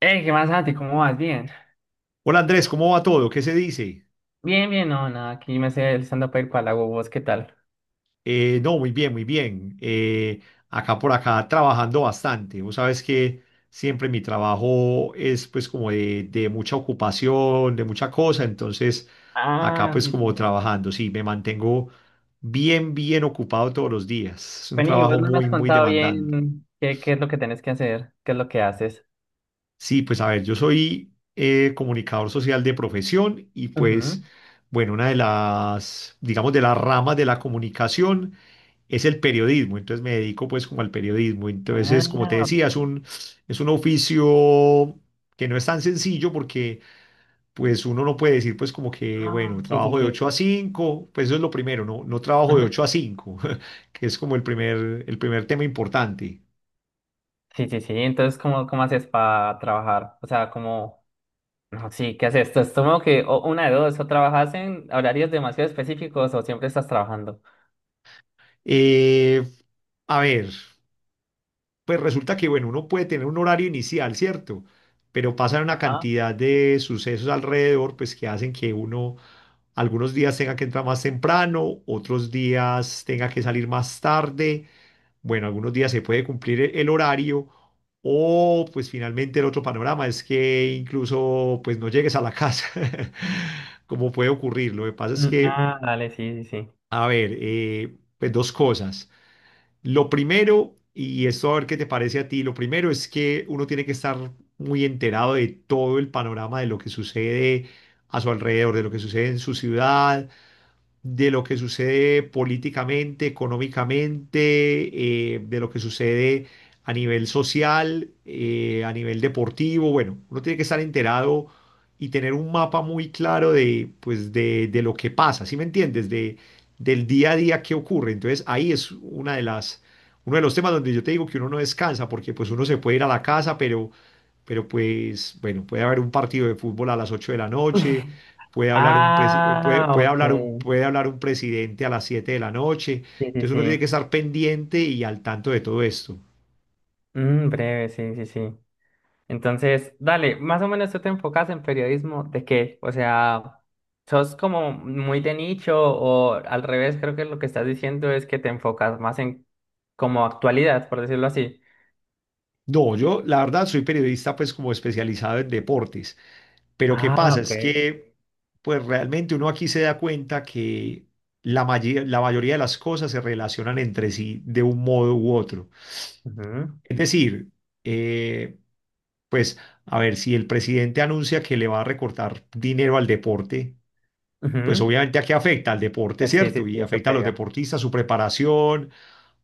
Hey, ¿qué más, Santi? ¿Cómo vas? Bien. Hola Andrés, ¿cómo va todo? ¿Qué se dice? Bien, bien, no, nada, aquí me sé el stand-up el cual hago vos, ¿qué tal? No, muy bien, muy bien. Acá por acá trabajando bastante. Vos sabes que siempre mi trabajo es pues como de mucha ocupación, de mucha cosa. Entonces acá Ah, pues sí, sí, como sí. trabajando, sí, me mantengo bien, bien ocupado todos los días. Es un Bueno, y vos trabajo no me muy, has muy contado demandante. bien qué es lo que tenés que hacer, qué es lo que haces. Sí, pues a ver, yo soy comunicador social de profesión y pues, Ujú. bueno, una de las, digamos, de las ramas de la comunicación es el periodismo, entonces me dedico pues como al periodismo. Entonces, como te Ah, decía, es un oficio que no es tan sencillo porque pues uno no puede decir pues como que, ah, bueno, sí, sí, trabajo de sí. 8 a cinco, pues eso es lo primero, no, no trabajo de Ujú. 8 a 5 que es como el primer tema importante. Sí, sí, sí. Entonces, ¿cómo haces para trabajar? O sea, ¿cómo? No, sí, ¿qué haces? Entonces, supongo que o una de dos, o trabajas en horarios demasiado específicos o siempre estás trabajando. Eh, a ver, pues resulta que, bueno, uno puede tener un horario inicial, ¿cierto? Pero pasan una Ajá. cantidad de sucesos alrededor, pues que hacen que uno algunos días tenga que entrar más temprano, otros días tenga que salir más tarde. Bueno, algunos días se puede cumplir el horario o pues finalmente el otro panorama es que incluso pues no llegues a la casa, como puede ocurrir. Lo que pasa es Mm, que, ah, dale, sí, sí, sí. a ver, pues dos cosas. Lo primero, y esto a ver qué te parece a ti, lo primero es que uno tiene que estar muy enterado de todo el panorama de lo que sucede a su alrededor, de lo que sucede en su ciudad, de lo que sucede políticamente, económicamente, de lo que sucede a nivel social, a nivel deportivo. Bueno, uno tiene que estar enterado y tener un mapa muy claro de, pues, de lo que pasa, ¿sí me entiendes? De, del día a día que ocurre. Entonces, ahí es uno de los temas donde yo te digo que uno no descansa, porque pues uno se puede ir a la casa, pero pues, bueno, puede haber un partido de fútbol a las 8 de la noche, puede hablar un, presi- puede, Ah, ok. puede hablar un presidente a las 7 de la noche. Sí, sí, Entonces uno tiene que sí. estar pendiente y al tanto de todo esto. Mm, breve, sí, sí, sí. Entonces, dale, más o menos, ¿tú te enfocas en periodismo de qué? O sea, ¿sos como muy de nicho o al revés? Creo que lo que estás diciendo es que te enfocas más en como actualidad, por decirlo así. No, yo la verdad soy periodista pues como especializado en deportes, pero ¿qué Ah, pasa? ok. Es que pues realmente uno aquí se da cuenta que la mayoría de las cosas se relacionan entre sí de un modo u otro. Ujú, Es decir, eh, pues a ver, si el presidente anuncia que le va a recortar dinero al deporte, pues ujú. obviamente aquí afecta al deporte, Sí, sí, ¿cierto? Y sí, eso afecta a los pega. deportistas, su preparación,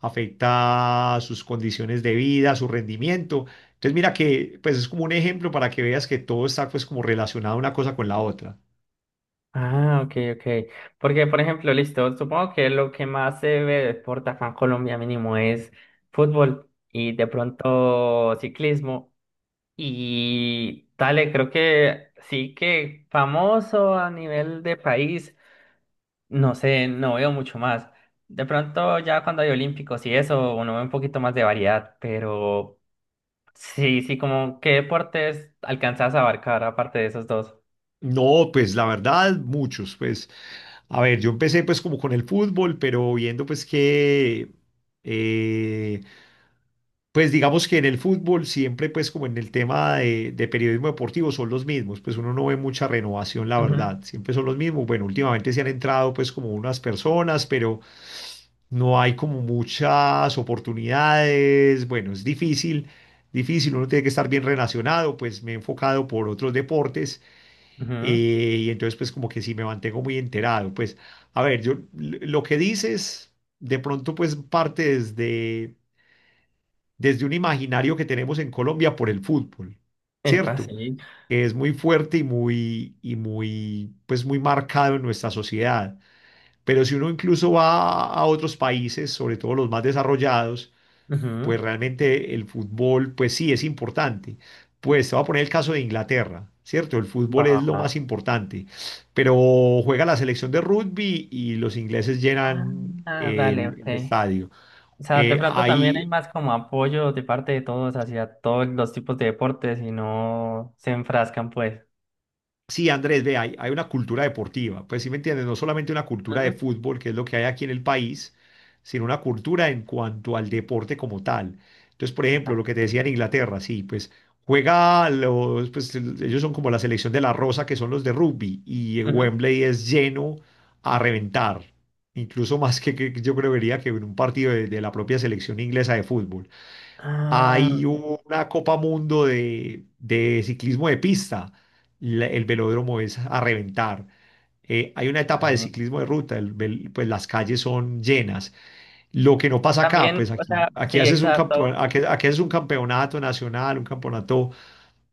afecta sus condiciones de vida, su rendimiento. Entonces mira que pues es como un ejemplo para que veas que todo está pues como relacionado una cosa con la otra. Ah, ok, ok. Porque, por ejemplo, listo, supongo que lo que más se ve de deporte acá en Colombia mínimo es fútbol y de pronto ciclismo. Y dale, creo que sí, que famoso a nivel de país, no sé, no veo mucho más. De pronto ya cuando hay olímpicos y eso, uno ve un poquito más de variedad, pero sí, sí, como qué deportes alcanzas a abarcar aparte de esos dos. No, pues la verdad, muchos, pues, a ver, yo empecé pues como con el fútbol, pero viendo pues que, eh, pues digamos que en el fútbol siempre pues como en el tema de periodismo deportivo son los mismos, pues uno no ve mucha renovación, la Ujú, verdad, siempre son los mismos. Bueno, últimamente se han entrado pues como unas personas, pero no hay como muchas oportunidades, bueno, es difícil, difícil, uno tiene que estar bien relacionado, pues me he enfocado por otros deportes, ujú. Y entonces, pues como que sí me mantengo muy enterado. Pues, a ver, yo lo que dices, de pronto, pues parte desde un imaginario que tenemos en Colombia por el fútbol, Epa, ¿cierto? sí. Que es muy fuerte y muy, pues muy marcado en nuestra sociedad. Pero si uno incluso va a otros países, sobre todo los más desarrollados, Ujú. pues realmente el fútbol, pues sí, es importante. Pues te voy a poner el caso de Inglaterra, ¿cierto? El fútbol Va, es lo va. más importante, pero juega la selección de rugby y los ingleses llenan Ah, dale, el, ok. el estadio. O sea, de Eh, pronto también hay hay, más como apoyo de parte de todos hacia todos los tipos de deportes y no se enfrascan, pues. Sí, Andrés, ve, hay una cultura deportiva, pues sí me entiendes, no solamente una cultura de Ujú. fútbol, que es lo que hay aquí en el país, sino una cultura en cuanto al deporte como tal. Entonces, por ejemplo, lo Vale. que te decía en Inglaterra, sí, pues juega los, pues ellos son como la selección de la Rosa, que son los de rugby, y Ujú. Wembley es lleno a reventar, incluso más que yo creería que en un partido de la propia selección inglesa de fútbol. Ah, Hay una Copa Mundo de ciclismo de pista. El velódromo es a reventar. Hay una etapa de vale. ciclismo de ruta. Pues las calles son llenas. Lo que no pasa acá, pues También, o aquí, sea, sí, exacto. Aquí haces un campeonato nacional, un campeonato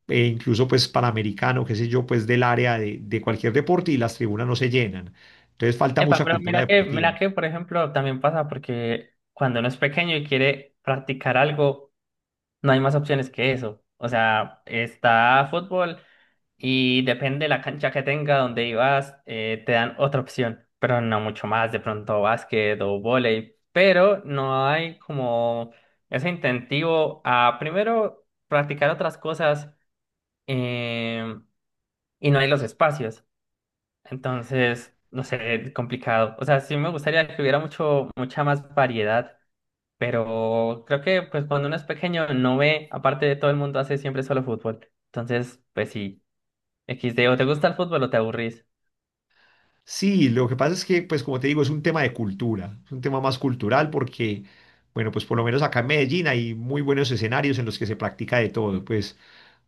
incluso pues panamericano, qué sé yo, pues del área de cualquier deporte y las tribunas no se llenan. Entonces falta Epa, mucha pero cultura mira que, deportiva. mira que, por ejemplo, también pasa porque cuando uno es pequeño y quiere practicar algo, no hay más opciones que eso. O sea, está fútbol y depende de la cancha que tenga donde ibas, te dan otra opción, pero no mucho más, de pronto básquet o vóley, pero no hay como ese incentivo a primero practicar otras cosas, eh, y no hay los espacios. Entonces, no sé, complicado. O sea, sí me gustaría que hubiera mucha más variedad, pero creo que pues cuando uno es pequeño no ve, aparte de todo el mundo hace siempre solo fútbol. Entonces, pues sí, XD, o te gusta el fútbol o te aburrís. Sí, lo que pasa es que, pues como te digo, es un tema de cultura, es un tema más cultural porque, bueno, pues por lo menos acá en Medellín hay muy buenos escenarios en los que se practica de todo, pues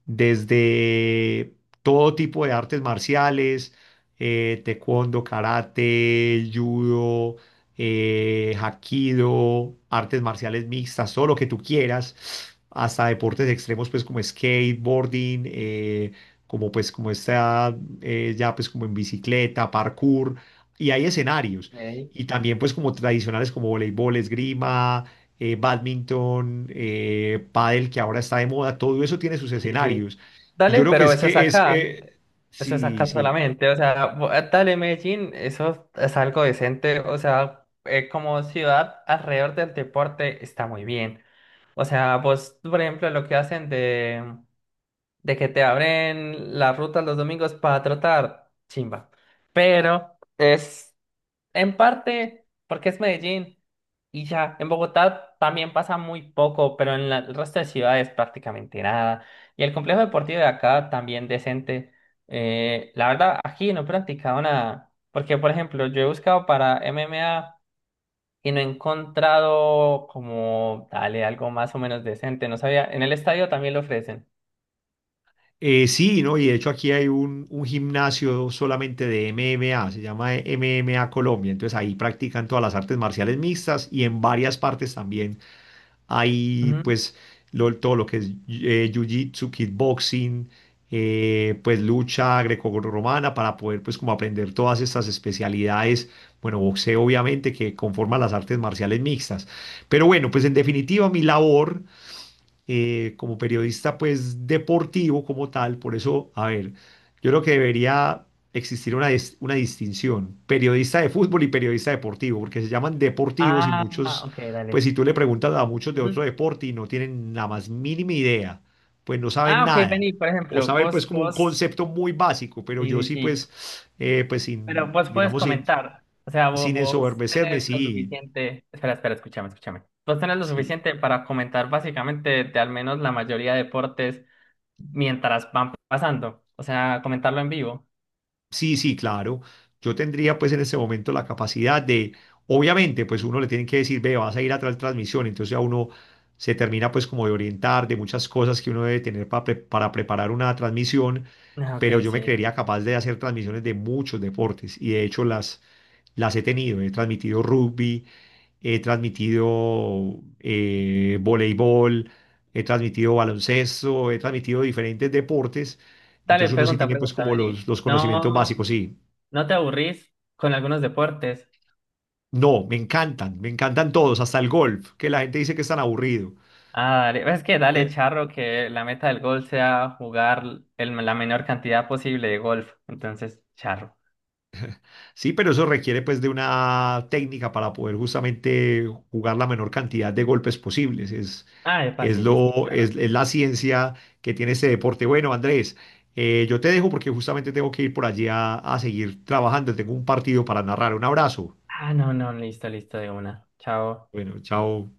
desde todo tipo de artes marciales, taekwondo, karate, judo, hapkido, artes marciales mixtas, todo lo que tú quieras, hasta deportes extremos, pues como skateboarding, como pues como este ya pues como en bicicleta, parkour, y hay escenarios. Ey, Y también pues como tradicionales como voleibol, esgrima, badminton, pádel, que ahora está de moda, todo eso tiene sus sí, sí. escenarios. Y yo Dale, creo que pero es eso es que acá, eso es sí, acá sí. solamente, o sea, bo- dale, Medellín, eso es algo decente, o sea, como ciudad alrededor del deporte está muy bien. O sea, vos, por ejemplo, lo que hacen de que te abren las rutas los domingos para trotar, chimba. Pero es en parte porque es Medellín y ya, en Bogotá también pasa muy poco, pero en la- el resto de ciudades prácticamente nada. Y el complejo deportivo de acá también decente. La verdad, aquí no he practicado nada, porque por ejemplo, yo he buscado para MMA y no he encontrado como, dale, algo más o menos decente. No sabía, en el estadio también lo ofrecen. Sí, ¿no? Y de hecho aquí hay un gimnasio solamente de MMA, se llama MMA Colombia, entonces ahí practican todas las artes marciales mixtas y en varias partes también hay Ujú. pues todo lo que es jiu-jitsu, kickboxing, pues lucha grecorromana para poder pues como aprender todas estas especialidades. Bueno, boxeo obviamente que conforma las artes marciales mixtas. Pero bueno, pues en definitiva mi labor como periodista pues deportivo como tal. Por eso, a ver, yo creo que debería existir una, una distinción, periodista de fútbol y periodista deportivo, porque se llaman deportivos y Ah, muchos, ok, pues dale. si tú le preguntas a muchos de otro Ujú. deporte y no tienen la más mínima idea, pues no saben Ah, ok, nada. vení, por O ejemplo, saben vos, pues como un vos, concepto muy básico, pero sí, yo sí, sí sí, pues, pues pero sin, vos puedes digamos, sin, comentar, o sea, vos, sin vos ensoberbecerme, tenés lo sí, suficiente, espera, espera, escúchame, escúchame. Vos tenés lo sí. suficiente para comentar básicamente de al menos la mayoría de deportes mientras van pasando, o sea, comentarlo en vivo. Sí, sí, claro. Yo tendría pues en este momento la capacidad de, obviamente, pues uno le tiene que decir, ve, vas a ir a tal transmisión, entonces a uno se termina pues como de orientar de muchas cosas que uno debe tener para preparar una transmisión, Ah, ok, pero yo me sí. creería capaz de hacer transmisiones de muchos deportes y de hecho las he tenido, he transmitido rugby, he transmitido voleibol, he transmitido baloncesto, he transmitido diferentes deportes. Dale, Entonces uno sí pregunta, tiene pues pregunta, como vení. Los conocimientos No. básicos, sí. ¿No te aburrís con algunos deportes? No, me encantan todos, hasta el golf, que la gente dice que es tan aburrido. Ah, dale. Es que dale, Eh, charro, que la meta del golf sea jugar el- la menor cantidad posible de golf. Entonces, charro. Sí, pero eso requiere pues de una técnica para poder justamente jugar la menor cantidad de golpes posibles. Ah, epa, sí, sí, sí, claro. Es la ciencia que tiene este deporte. Bueno, Andrés, yo te dejo porque justamente tengo que ir por allí a seguir trabajando. Tengo un partido para narrar. Un abrazo. Ah, no, no, listo, listo de una. Chao. Bueno, chao.